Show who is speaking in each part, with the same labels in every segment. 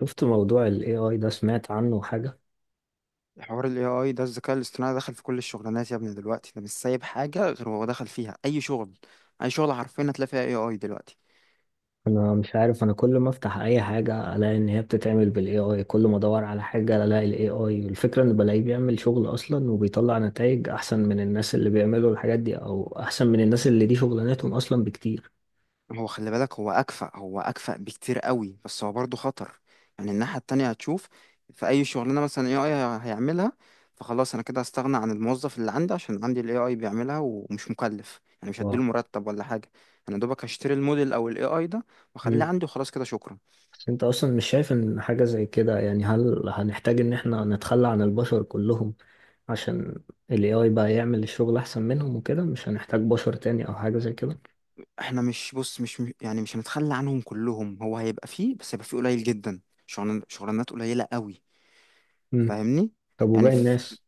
Speaker 1: شفت موضوع ال AI ده؟ سمعت عنه حاجة؟
Speaker 2: حوار ال AI ده، الذكاء الاصطناعي دخل في كل الشغلانات يا ابني. دلوقتي ده مش سايب حاجة، غير هو دخل فيها. أي شغل، أي شغل حرفيا هتلاقي فيها AI دلوقتي.
Speaker 1: أنا مش عارف، أنا كل ما أفتح أي حاجة ألاقي إن هي بتتعمل بال AI، كل ما أدور على حاجة ألاقي ال AI. الفكرة إن بلاقيه بيعمل شغل أصلا، وبيطلع نتائج أحسن من الناس اللي بيعملوا الحاجات دي، أو أحسن من الناس اللي دي شغلانتهم أصلا، بكتير.
Speaker 2: هو خلي بالك، هو أكفأ بكتير قوي، بس هو برضه خطر. يعني الناحية التانية هتشوف. في أي شغلانة مثلا AI هيعملها فخلاص، أنا كده هستغنى عن الموظف اللي عندي، عشان عندي ال AI بيعملها ومش مكلف. يعني مش
Speaker 1: واو.
Speaker 2: هديله مرتب ولا حاجة. أنا دوبك هشتري الموديل أو ال AI ده وأخليه
Speaker 1: مم.
Speaker 2: عندي، وخلاص كده شكرا.
Speaker 1: بس أنت أصلا مش شايف إن حاجة زي كده؟ يعني هل هنحتاج إن إحنا نتخلى عن البشر كلهم عشان ال AI بقى يعمل الشغل أحسن منهم، وكده مش هنحتاج بشر تاني أو حاجة زي كده؟
Speaker 2: احنا مش، بص مش مش- يعني مش هنتخلى عنهم كلهم. هو هيبقى فيه، بس هيبقى فيه قليل جدا. شغلانات قليلة قوي.
Speaker 1: مم.
Speaker 2: فاهمني؟
Speaker 1: طب
Speaker 2: يعني
Speaker 1: وباقي
Speaker 2: في-
Speaker 1: الناس؟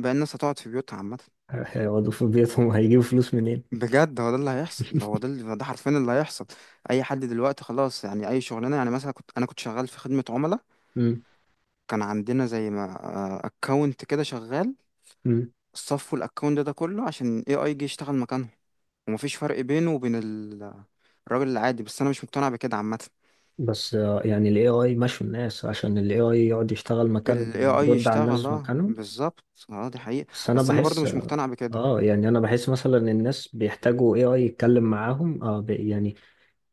Speaker 2: بقى الناس هتقعد في بيوتها عامة.
Speaker 1: هيقعدوا في بيتهم؟ هيجيبوا فلوس منين؟
Speaker 2: بجد، هو ده اللي هيحصل. هو ده اللي، ده حرفيا اللي هيحصل. اي حد دلوقتي خلاص، يعني اي شغلانة. يعني مثلا كنت شغال في خدمة عملاء.
Speaker 1: مم.
Speaker 2: كان عندنا زي ما اكونت كده شغال.
Speaker 1: مم.
Speaker 2: صفوا الاكونت ده، ده كله عشان اي اي جي يشتغل مكانه. ومفيش فرق بينه وبين الراجل العادي. بس انا مش مقتنع بكده عامة.
Speaker 1: بس يعني ال AI مشوا الناس عشان ال AI يقعد يشتغل
Speaker 2: ال
Speaker 1: مكانهم
Speaker 2: AI
Speaker 1: ويرد على
Speaker 2: يشتغل،
Speaker 1: الناس
Speaker 2: اه
Speaker 1: مكانهم.
Speaker 2: بالظبط. اه، دي حقيقة.
Speaker 1: بس أنا
Speaker 2: بس انا برضو
Speaker 1: بحس،
Speaker 2: مش مقتنع بكده.
Speaker 1: يعني أنا بحس مثلا الناس بيحتاجوا AI يتكلم معاهم، آه بي يعني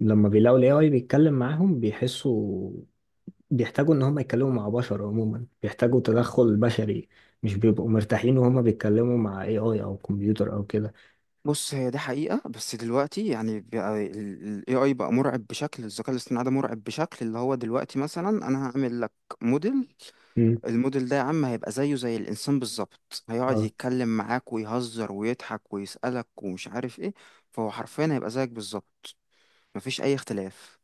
Speaker 1: لما بيلاقوا ال AI بيتكلم معاهم بيحسوا، بيحتاجوا إن هم يتكلموا مع بشر عموما، بيحتاجوا تدخل بشري، مش بيبقوا مرتاحين وهما بيتكلموا مع AI أو كمبيوتر أو كده.
Speaker 2: بص، هي دي حقيقة. بس دلوقتي يعني، بقى ال AI بقى مرعب بشكل. الذكاء الاصطناعي ده مرعب بشكل اللي هو دلوقتي. مثلا انا هعمل لك موديل،
Speaker 1: مم.
Speaker 2: الموديل ده يا عم هيبقى زيه زي الانسان بالظبط. هيقعد
Speaker 1: آه.
Speaker 2: يتكلم معاك ويهزر ويضحك ويسألك ومش عارف ايه. فهو حرفيا هيبقى زيك بالظبط، مفيش اي اختلاف.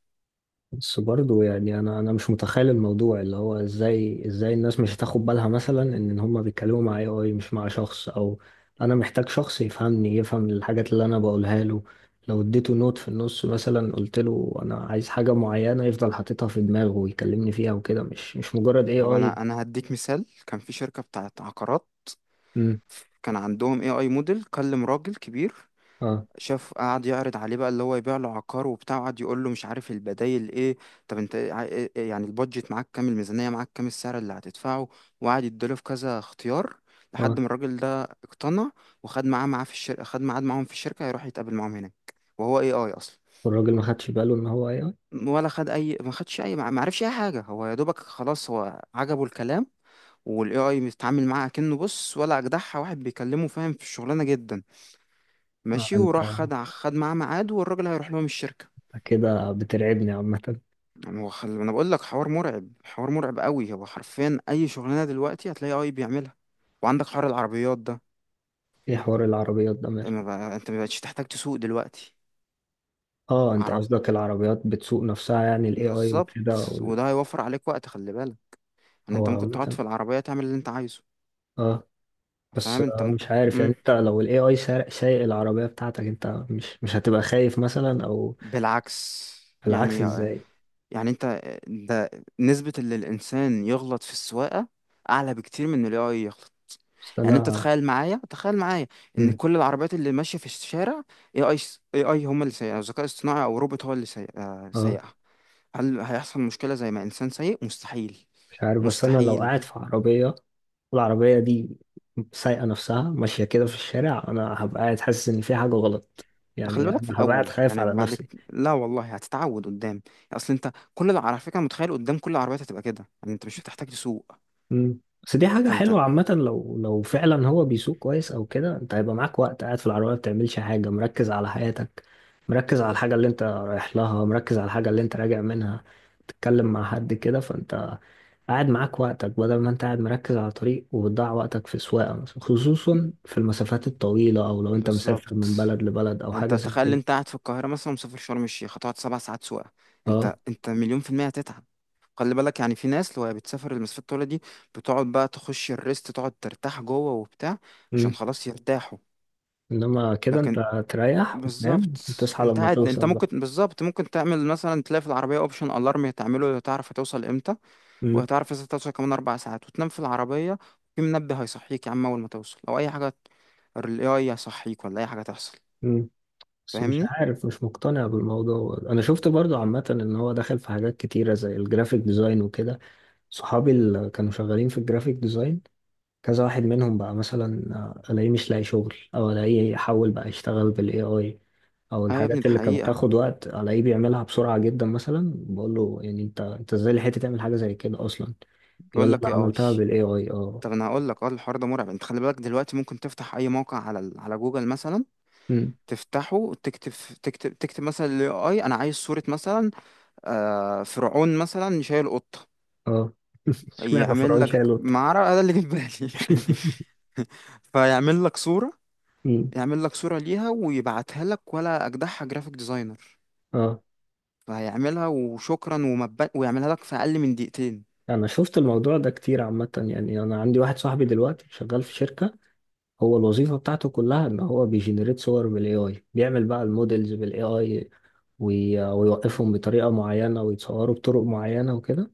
Speaker 1: بس برضه يعني انا مش متخيل الموضوع، اللي هو ازاي الناس مش هتاخد بالها مثلا ان هم بيتكلموا مع اي اي مش مع شخص، او انا محتاج شخص يفهمني، يفهم الحاجات اللي انا بقولها له، لو اديته نوت في النص مثلا، قلت له انا عايز حاجة معينة يفضل حاططها في دماغه ويكلمني فيها وكده، مش مجرد اي
Speaker 2: طب،
Speaker 1: اي.
Speaker 2: انا هديك مثال. كان في شركة بتاعت عقارات،
Speaker 1: امم.
Speaker 2: كان عندهم AI موديل. كلم راجل كبير،
Speaker 1: اه.
Speaker 2: شاف، قعد يعرض عليه بقى اللي هو يبيع له عقار وبتاع. قعد يقول له مش عارف البدايل ايه. طب إيه، يعني البادجت معاك كام؟ الميزانية معاك كام؟ السعر اللي هتدفعه؟ وقعد يديله في كذا اختيار
Speaker 1: اه.
Speaker 2: لحد ما الراجل ده اقتنع، وخد معاه في الشركة. خد ميعاد معاهم في الشركة يروح يتقابل معاهم هناك، وهو اي اي اصلا.
Speaker 1: والراجل ما خدش باله ان هو اي اي؟
Speaker 2: ولا خد اي، ما خدش اي، ما عرفش اي حاجة. هو يا دوبك خلاص، هو عجبه الكلام. والاي اي بيتعامل معاه كأنه، بص، ولا اجدعها واحد بيكلمه، فاهم في الشغلانة جدا.
Speaker 1: ما
Speaker 2: ماشي،
Speaker 1: انت
Speaker 2: وراح خد معاه ميعاد، والراجل هيروح لهم الشركة.
Speaker 1: أنت كده بترعبني عامة.
Speaker 2: هو انا بقول لك حوار مرعب، حوار مرعب قوي. هو حرفيا اي شغلانه دلوقتي هتلاقي اي بيعملها. وعندك حوار العربيات ده.
Speaker 1: ايه حوار العربيات ده؟
Speaker 2: آه،
Speaker 1: ماله؟
Speaker 2: ما بقى... انت ما بقتش تحتاج تسوق دلوقتي.
Speaker 1: اه، انت
Speaker 2: عرب
Speaker 1: قصدك العربيات بتسوق نفسها، يعني الاي اي
Speaker 2: بالظبط
Speaker 1: وكده وال-.
Speaker 2: وده هيوفر عليك وقت. خلي بالك ان
Speaker 1: هو
Speaker 2: انت ممكن تقعد
Speaker 1: عامة.
Speaker 2: في العربيه تعمل اللي انت عايزه.
Speaker 1: اه. بس
Speaker 2: فاهم؟ انت ممكن.
Speaker 1: مش عارف، يعني
Speaker 2: مم.
Speaker 1: انت لو الاي اي سايق العربية بتاعتك، انت مش هتبقى خايف مثلا، او...
Speaker 2: بالعكس. يعني،
Speaker 1: العكس ازاي؟
Speaker 2: انت ده، نسبة اللي الانسان يغلط في السواقة اعلى بكتير من اللي هو يغلط.
Speaker 1: بس
Speaker 2: يعني انت
Speaker 1: انا...
Speaker 2: تخيل معايا، تخيل معايا ان
Speaker 1: مم.
Speaker 2: كل العربيات اللي ماشية في الشارع اي اي، هم اللي سايقها. ذكاء اصطناعي او روبوت هو اللي آه،
Speaker 1: اه.
Speaker 2: سايقها. هل هيحصل مشكلة زي ما انسان سايق؟ مستحيل،
Speaker 1: مش عارف، بس انا لو
Speaker 2: مستحيل.
Speaker 1: قاعد في عربية، والعربية دي سايقة نفسها ماشية كده في الشارع، انا هبقى قاعد حاسس ان في حاجة غلط،
Speaker 2: ده خلي
Speaker 1: يعني
Speaker 2: بالك
Speaker 1: انا
Speaker 2: في
Speaker 1: هبقى قاعد
Speaker 2: الاول،
Speaker 1: خايف
Speaker 2: يعني
Speaker 1: على نفسي.
Speaker 2: لا والله، هتتعود قدام. اصل انت على فكره، متخيل قدام كل العربيات هتبقى كده، يعني انت مش هتحتاج تسوق.
Speaker 1: مم. بس دي حاجة
Speaker 2: فانت،
Speaker 1: حلوة عامة، لو فعلا هو بيسوق كويس أو كده، أنت هيبقى معاك وقت قاعد في العربية ما بتعملش حاجة، مركز على حياتك، مركز على الحاجة اللي أنت رايح لها، مركز على الحاجة اللي أنت راجع منها، تتكلم مع حد كده، فأنت قاعد معاك وقتك بدل ما أنت قاعد مركز على طريق وبتضيع وقتك في سواقة مثلا، خصوصا في المسافات الطويلة، أو لو أنت مسافر
Speaker 2: بالظبط.
Speaker 1: من بلد لبلد أو
Speaker 2: انت
Speaker 1: حاجة زي
Speaker 2: تخيل،
Speaker 1: كده.
Speaker 2: انت قاعد في القاهره مثلا مسافر شرم الشيخ، هتقعد سبع ساعات سواقه. انت
Speaker 1: أه.
Speaker 2: انت مليون في الميه هتتعب. خلي بالك، يعني في ناس لو هي بتسافر المسافات الطويله دي، بتقعد بقى تخش الريست، تقعد ترتاح جوه وبتاع، عشان
Speaker 1: مم.
Speaker 2: خلاص يرتاحوا.
Speaker 1: إنما كده أنت
Speaker 2: لكن
Speaker 1: تريح
Speaker 2: بالظبط،
Speaker 1: وتنام وتصحى
Speaker 2: انت
Speaker 1: لما
Speaker 2: قاعد، انت
Speaker 1: توصل بقى.
Speaker 2: ممكن بالظبط ممكن تعمل، مثلا تلاقي في العربيه اوبشن الارم، تعمله لو تعرف هتوصل امتى.
Speaker 1: مم.
Speaker 2: وهتعرف اذا توصل كمان اربع ساعات، وتنام في العربيه. في منبه هيصحيك يا عم اول ما توصل، لو اي حاجه الاي اي هيصحيك، ولا اي حاجه تحصل.
Speaker 1: مم. بس مش
Speaker 2: فاهمني؟
Speaker 1: عارف، مش مقتنع بالموضوع، انا شفت برضو عامة ان هو دخل في حاجات كتيرة زي الجرافيك ديزاين وكده. صحابي اللي كانوا شغالين في الجرافيك ديزاين، كذا واحد منهم بقى مثلا، الاقيه مش لاقي شغل، او الاقيه حول بقى يشتغل بالاي اي، او
Speaker 2: اه يا ابني،
Speaker 1: الحاجات
Speaker 2: ده
Speaker 1: اللي كانت
Speaker 2: حقيقه.
Speaker 1: بتاخد وقت الاقيه بيعملها بسرعة جدا، مثلا بقول له يعني انت ازاي لحقت تعمل حاجة زي كده اصلا؟ يقول
Speaker 2: بيقول
Speaker 1: لي
Speaker 2: لك
Speaker 1: انا
Speaker 2: ايه اي.
Speaker 1: عملتها بالاي اي. اه.
Speaker 2: طب انا هقول لك، اه الحوار ده مرعب. انت خلي بالك دلوقتي ممكن تفتح اي موقع على على جوجل مثلا.
Speaker 1: أمم.
Speaker 2: تفتحه، تكتب مثلا الاي اي، انا عايز صورة مثلا، آه فرعون مثلا شايل قطة.
Speaker 1: اه. اشمعنى
Speaker 2: يعمل
Speaker 1: فرعون
Speaker 2: لك
Speaker 1: شالوت؟
Speaker 2: معركة. آه، ده اللي جه في بالي. فيعمل لك صورة.
Speaker 1: أمم.
Speaker 2: يعمل لك صورة ليها ويبعتها لك، ولا أجدعها جرافيك ديزاينر.
Speaker 1: اه.
Speaker 2: فهيعملها وشكرا، ويعملها لك في أقل من دقيقتين.
Speaker 1: انا شفت الموضوع ده كتير عامة، يعني انا عندي واحد صاحبي دلوقتي شغال في شركة، هو الوظيفة بتاعته كلها ان هو بيجنريت صور بالاي اي، بيعمل بقى المودلز بالاي اي ويوقفهم بطريقة معينة ويتصوروا بطرق معينة وكده.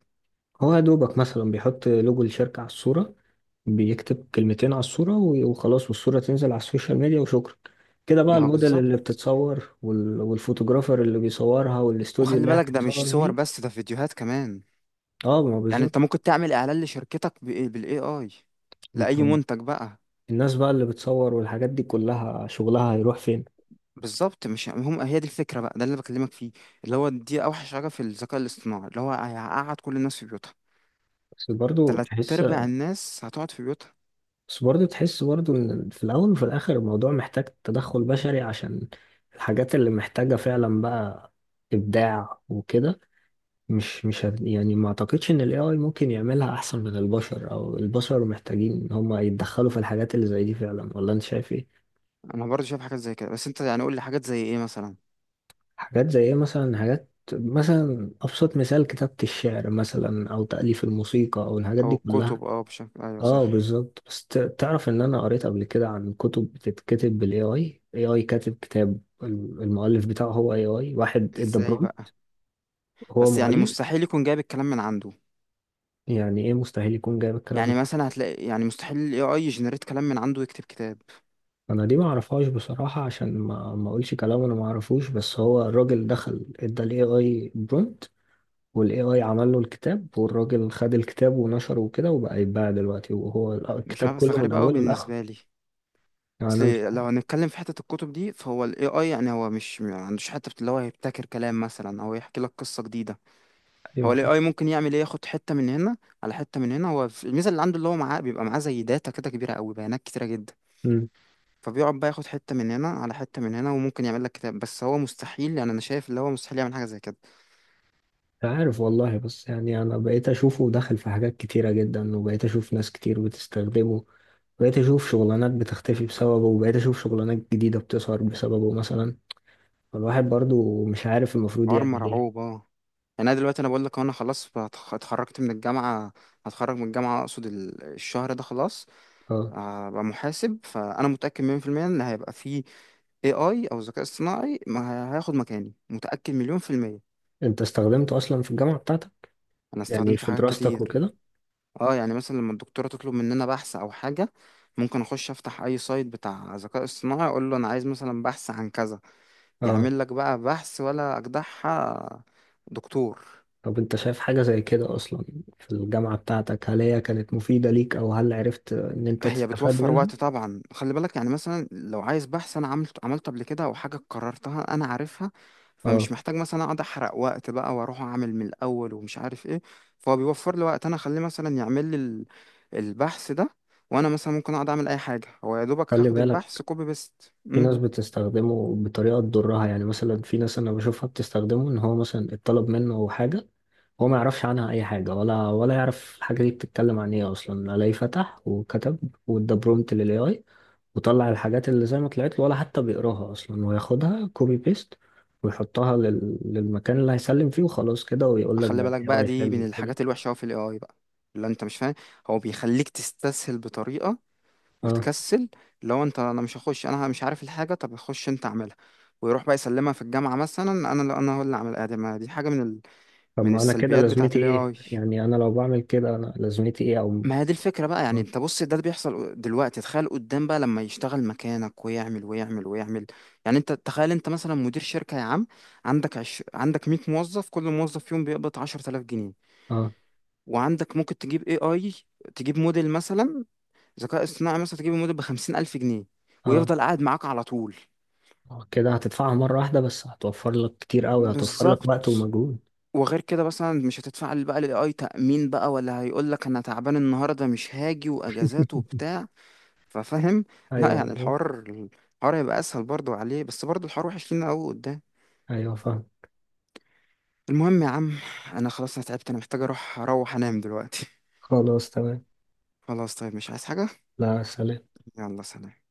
Speaker 1: هو يا دوبك مثلا بيحط لوجو الشركة على الصورة، بيكتب كلمتين على الصورة وخلاص، والصورة تنزل على السوشيال ميديا وشكرا. كده بقى
Speaker 2: ما هو
Speaker 1: الموديل اللي
Speaker 2: بالظبط.
Speaker 1: بتتصور، والفوتوغرافر اللي بيصورها، والاستوديو
Speaker 2: وخلي
Speaker 1: اللي هي
Speaker 2: بالك، ده مش
Speaker 1: بتتصور
Speaker 2: صور
Speaker 1: فيه.
Speaker 2: بس، ده فيديوهات كمان.
Speaker 1: اه ما هو
Speaker 2: يعني انت
Speaker 1: بالظبط.
Speaker 2: ممكن تعمل اعلان لشركتك بالاي اي لاي منتج بقى.
Speaker 1: الناس بقى اللي بتصور والحاجات دي كلها شغلها هيروح فين؟
Speaker 2: بالظبط، مش هم. هي دي الفكره بقى، ده اللي بكلمك فيه. اللي هو دي اوحش حاجه في الذكاء الاصطناعي، اللي هو هيقعد كل الناس في بيوتها.
Speaker 1: بس برضو
Speaker 2: تلات
Speaker 1: تحس
Speaker 2: ارباع الناس هتقعد في بيوتها.
Speaker 1: بس برضو تحس برضو ان في الاول وفي الاخر الموضوع محتاج تدخل بشري، عشان الحاجات اللي محتاجة فعلا بقى ابداع وكده، مش مش هت- يعني ما اعتقدش ان الاي اي ممكن يعملها احسن من البشر، او البشر محتاجين ان هم يتدخلوا في الحاجات اللي زي دي فعلا، ولا انت شايف ايه؟
Speaker 2: انا برضه شايف حاجات زي كده. بس انت يعني قول لي حاجات زي ايه مثلا.
Speaker 1: حاجات زي ايه مثلا؟ حاجات مثلا، ابسط مثال كتابة الشعر مثلا، او تأليف الموسيقى، او الحاجات
Speaker 2: او
Speaker 1: دي كلها.
Speaker 2: الكتب، اه بشكل، ايوه
Speaker 1: اه
Speaker 2: صح.
Speaker 1: بالظبط. بس تعرف ان انا قريت قبل كده عن كتب بتتكتب بالاي اي، اي اي كاتب كتاب، المؤلف بتاعه هو اي اي، واحد ادى
Speaker 2: ازاي بقى؟
Speaker 1: برومبت، هو
Speaker 2: بس يعني
Speaker 1: مؤلف.
Speaker 2: مستحيل يكون جايب الكلام من عنده.
Speaker 1: يعني ايه مستحيل يكون جايب الكلام
Speaker 2: يعني
Speaker 1: ده؟
Speaker 2: مثلا هتلاقي، يعني مستحيل الاي اي يجنريت كلام من عنده ويكتب كتاب.
Speaker 1: انا دي ما اعرفهاش بصراحة، عشان ما اقولش كلام انا ما اعرفوش، بس هو الراجل دخل ادى الاي اي برومبت، والاي اي عمل له الكتاب، والراجل خد الكتاب ونشره وكده، وبقى يتباع دلوقتي، وهو
Speaker 2: مش
Speaker 1: الكتاب
Speaker 2: عارف، اصل
Speaker 1: كله من
Speaker 2: غريب قوي
Speaker 1: اوله
Speaker 2: بالنسبه
Speaker 1: لاخره.
Speaker 2: لي.
Speaker 1: يعني
Speaker 2: اصل
Speaker 1: انا مش عارف.
Speaker 2: لو هنتكلم في حته الكتب دي، فهو الاي اي يعني، هو مش ما عندوش حته اللي هو هيبتكر كلام مثلا او يحكي لك قصه جديده. هو
Speaker 1: ايوه.
Speaker 2: الاي اي ممكن يعمل ايه؟ ياخد حته من هنا على حته من هنا. هو الميزه اللي عنده، اللي هو معاه، بيبقى معاه زي داتا كده كبيره قوي، بيانات كتيره جدا. فبيقعد بقى ياخد حته من هنا على حته من هنا، وممكن يعمل لك كتاب. بس هو مستحيل، يعني انا شايف اللي هو مستحيل يعمل حاجه زي كده.
Speaker 1: عارف والله، بس يعني انا بقيت اشوفه دخل في حاجات كتيرة جدا، وبقيت اشوف ناس كتير بتستخدمه، بقيت اشوف شغلانات بتختفي بسببه، وبقيت اشوف شغلانات جديدة بتظهر بسببه مثلا، فالواحد برضو مش عارف المفروض
Speaker 2: حوار
Speaker 1: يعمل ايه.
Speaker 2: مرعوب اه. يعني انا دلوقتي، انا بقول لك انا خلاص اتخرجت من الجامعه. هتخرج من الجامعه اقصد، الشهر ده خلاص.
Speaker 1: اه.
Speaker 2: هبقى محاسب، فانا متاكد 100% ان هيبقى في AI او ذكاء اصطناعي ما هي- هياخد مكاني. متاكد مليون في الميه.
Speaker 1: انت استخدمته اصلا في الجامعة بتاعتك؟
Speaker 2: انا
Speaker 1: يعني
Speaker 2: استخدمته في
Speaker 1: في
Speaker 2: حاجات
Speaker 1: دراستك
Speaker 2: كتير.
Speaker 1: وكده؟
Speaker 2: اه يعني مثلا لما الدكتوره تطلب مننا بحث او حاجه، ممكن اخش افتح اي سايت بتاع ذكاء اصطناعي، اقول له انا عايز مثلا بحث عن كذا.
Speaker 1: اه.
Speaker 2: يعمل لك بقى بحث ولا اجدعها دكتور.
Speaker 1: طب انت شايف حاجة زي كده اصلا في الجامعة بتاعتك؟ هل هي كانت مفيدة ليك؟ او هل عرفت ان انت
Speaker 2: هي
Speaker 1: تستفاد
Speaker 2: بتوفر
Speaker 1: منها؟
Speaker 2: وقت طبعا. خلي بالك يعني مثلا لو عايز بحث انا عملت، عملته قبل كده، او حاجه قررتها انا عارفها،
Speaker 1: اه.
Speaker 2: فمش محتاج مثلا اقعد احرق وقت بقى واروح اعمل من الاول ومش عارف ايه. فهو بيوفر لي وقت، انا اخليه مثلا يعمل لي البحث ده، وانا مثلا ممكن اقعد اعمل اي حاجه. هو يا دوبك
Speaker 1: خلي
Speaker 2: هاخد
Speaker 1: بالك
Speaker 2: البحث كوبي بيست.
Speaker 1: في
Speaker 2: امم.
Speaker 1: ناس بتستخدمه بطريقة تضرها، يعني مثلا في ناس أنا بشوفها بتستخدمه إن هو مثلا اتطلب منه حاجة، هو ما يعرفش عنها أي حاجة، ولا يعرف الحاجة دي بتتكلم عن إيه أصلا، ألاقيه فتح وكتب وإدى برومت لل AI، وطلع الحاجات اللي زي ما طلعت له، ولا حتى بيقراها أصلا، وياخدها كوبي بيست، ويحطها للمكان اللي هيسلم فيه، وخلاص كده، ويقول لك
Speaker 2: خلي
Speaker 1: ده
Speaker 2: بالك بقى،
Speaker 1: AI
Speaker 2: دي
Speaker 1: حلو
Speaker 2: من
Speaker 1: كده.
Speaker 2: الحاجات الوحشه أوي في الاي اي بقى، اللي انت مش فاهم. هو بيخليك تستسهل بطريقه
Speaker 1: اه.
Speaker 2: وتكسل. لو انت، انا مش هخش، انا مش عارف الحاجه، طب خش انت اعملها. ويروح بقى يسلمها في الجامعه مثلا. انا انا هو اللي اعمل. ادي ما دي حاجه من
Speaker 1: طب
Speaker 2: من
Speaker 1: ما أنا كده
Speaker 2: السلبيات بتاعه
Speaker 1: لازمتي
Speaker 2: الاي
Speaker 1: إيه؟
Speaker 2: اي.
Speaker 1: يعني أنا لو بعمل كده أنا لازمتي إيه، أو...
Speaker 2: ما هي دي الفكره بقى. يعني
Speaker 1: اه.
Speaker 2: انت بص، ده اللي بيحصل دلوقتي. تخيل قدام بقى لما يشتغل مكانك ويعمل ويعمل ويعمل. يعني انت تخيل، انت مثلا مدير شركه يا عم، عندك 100 موظف، كل موظف فيهم بيقبض 10000 جنيه.
Speaker 1: اه.
Speaker 2: وعندك ممكن تجيب اي اي، تجيب موديل مثلا، ذكاء اصطناعي مثلا، تجيب موديل ب 50000 جنيه،
Speaker 1: اه.
Speaker 2: ويفضل قاعد معاك على طول.
Speaker 1: آه، كده هتدفعها مرة واحدة بس، هتوفر لك كتير قوي، هتوفر لك
Speaker 2: بالظبط.
Speaker 1: وقت ومجهود.
Speaker 2: وغير كده مثلا مش هتدفع بقى للاي اي تأمين بقى، ولا هيقول لك انا تعبان النهارده مش هاجي، واجازات وبتاع. ففاهم؟ لا
Speaker 1: ايوه
Speaker 2: يعني
Speaker 1: بالظبط.
Speaker 2: الحوار، الحوار هيبقى اسهل برضو عليه. بس برضو الحوار وحش لينا قوي قدام.
Speaker 1: ايوه فاهم.
Speaker 2: المهم يا عم، انا خلاص انا تعبت، انا محتاج اروح، انام دلوقتي.
Speaker 1: خلاص تمام.
Speaker 2: خلاص طيب، مش عايز حاجة؟
Speaker 1: لا سلام.
Speaker 2: يلا سلام.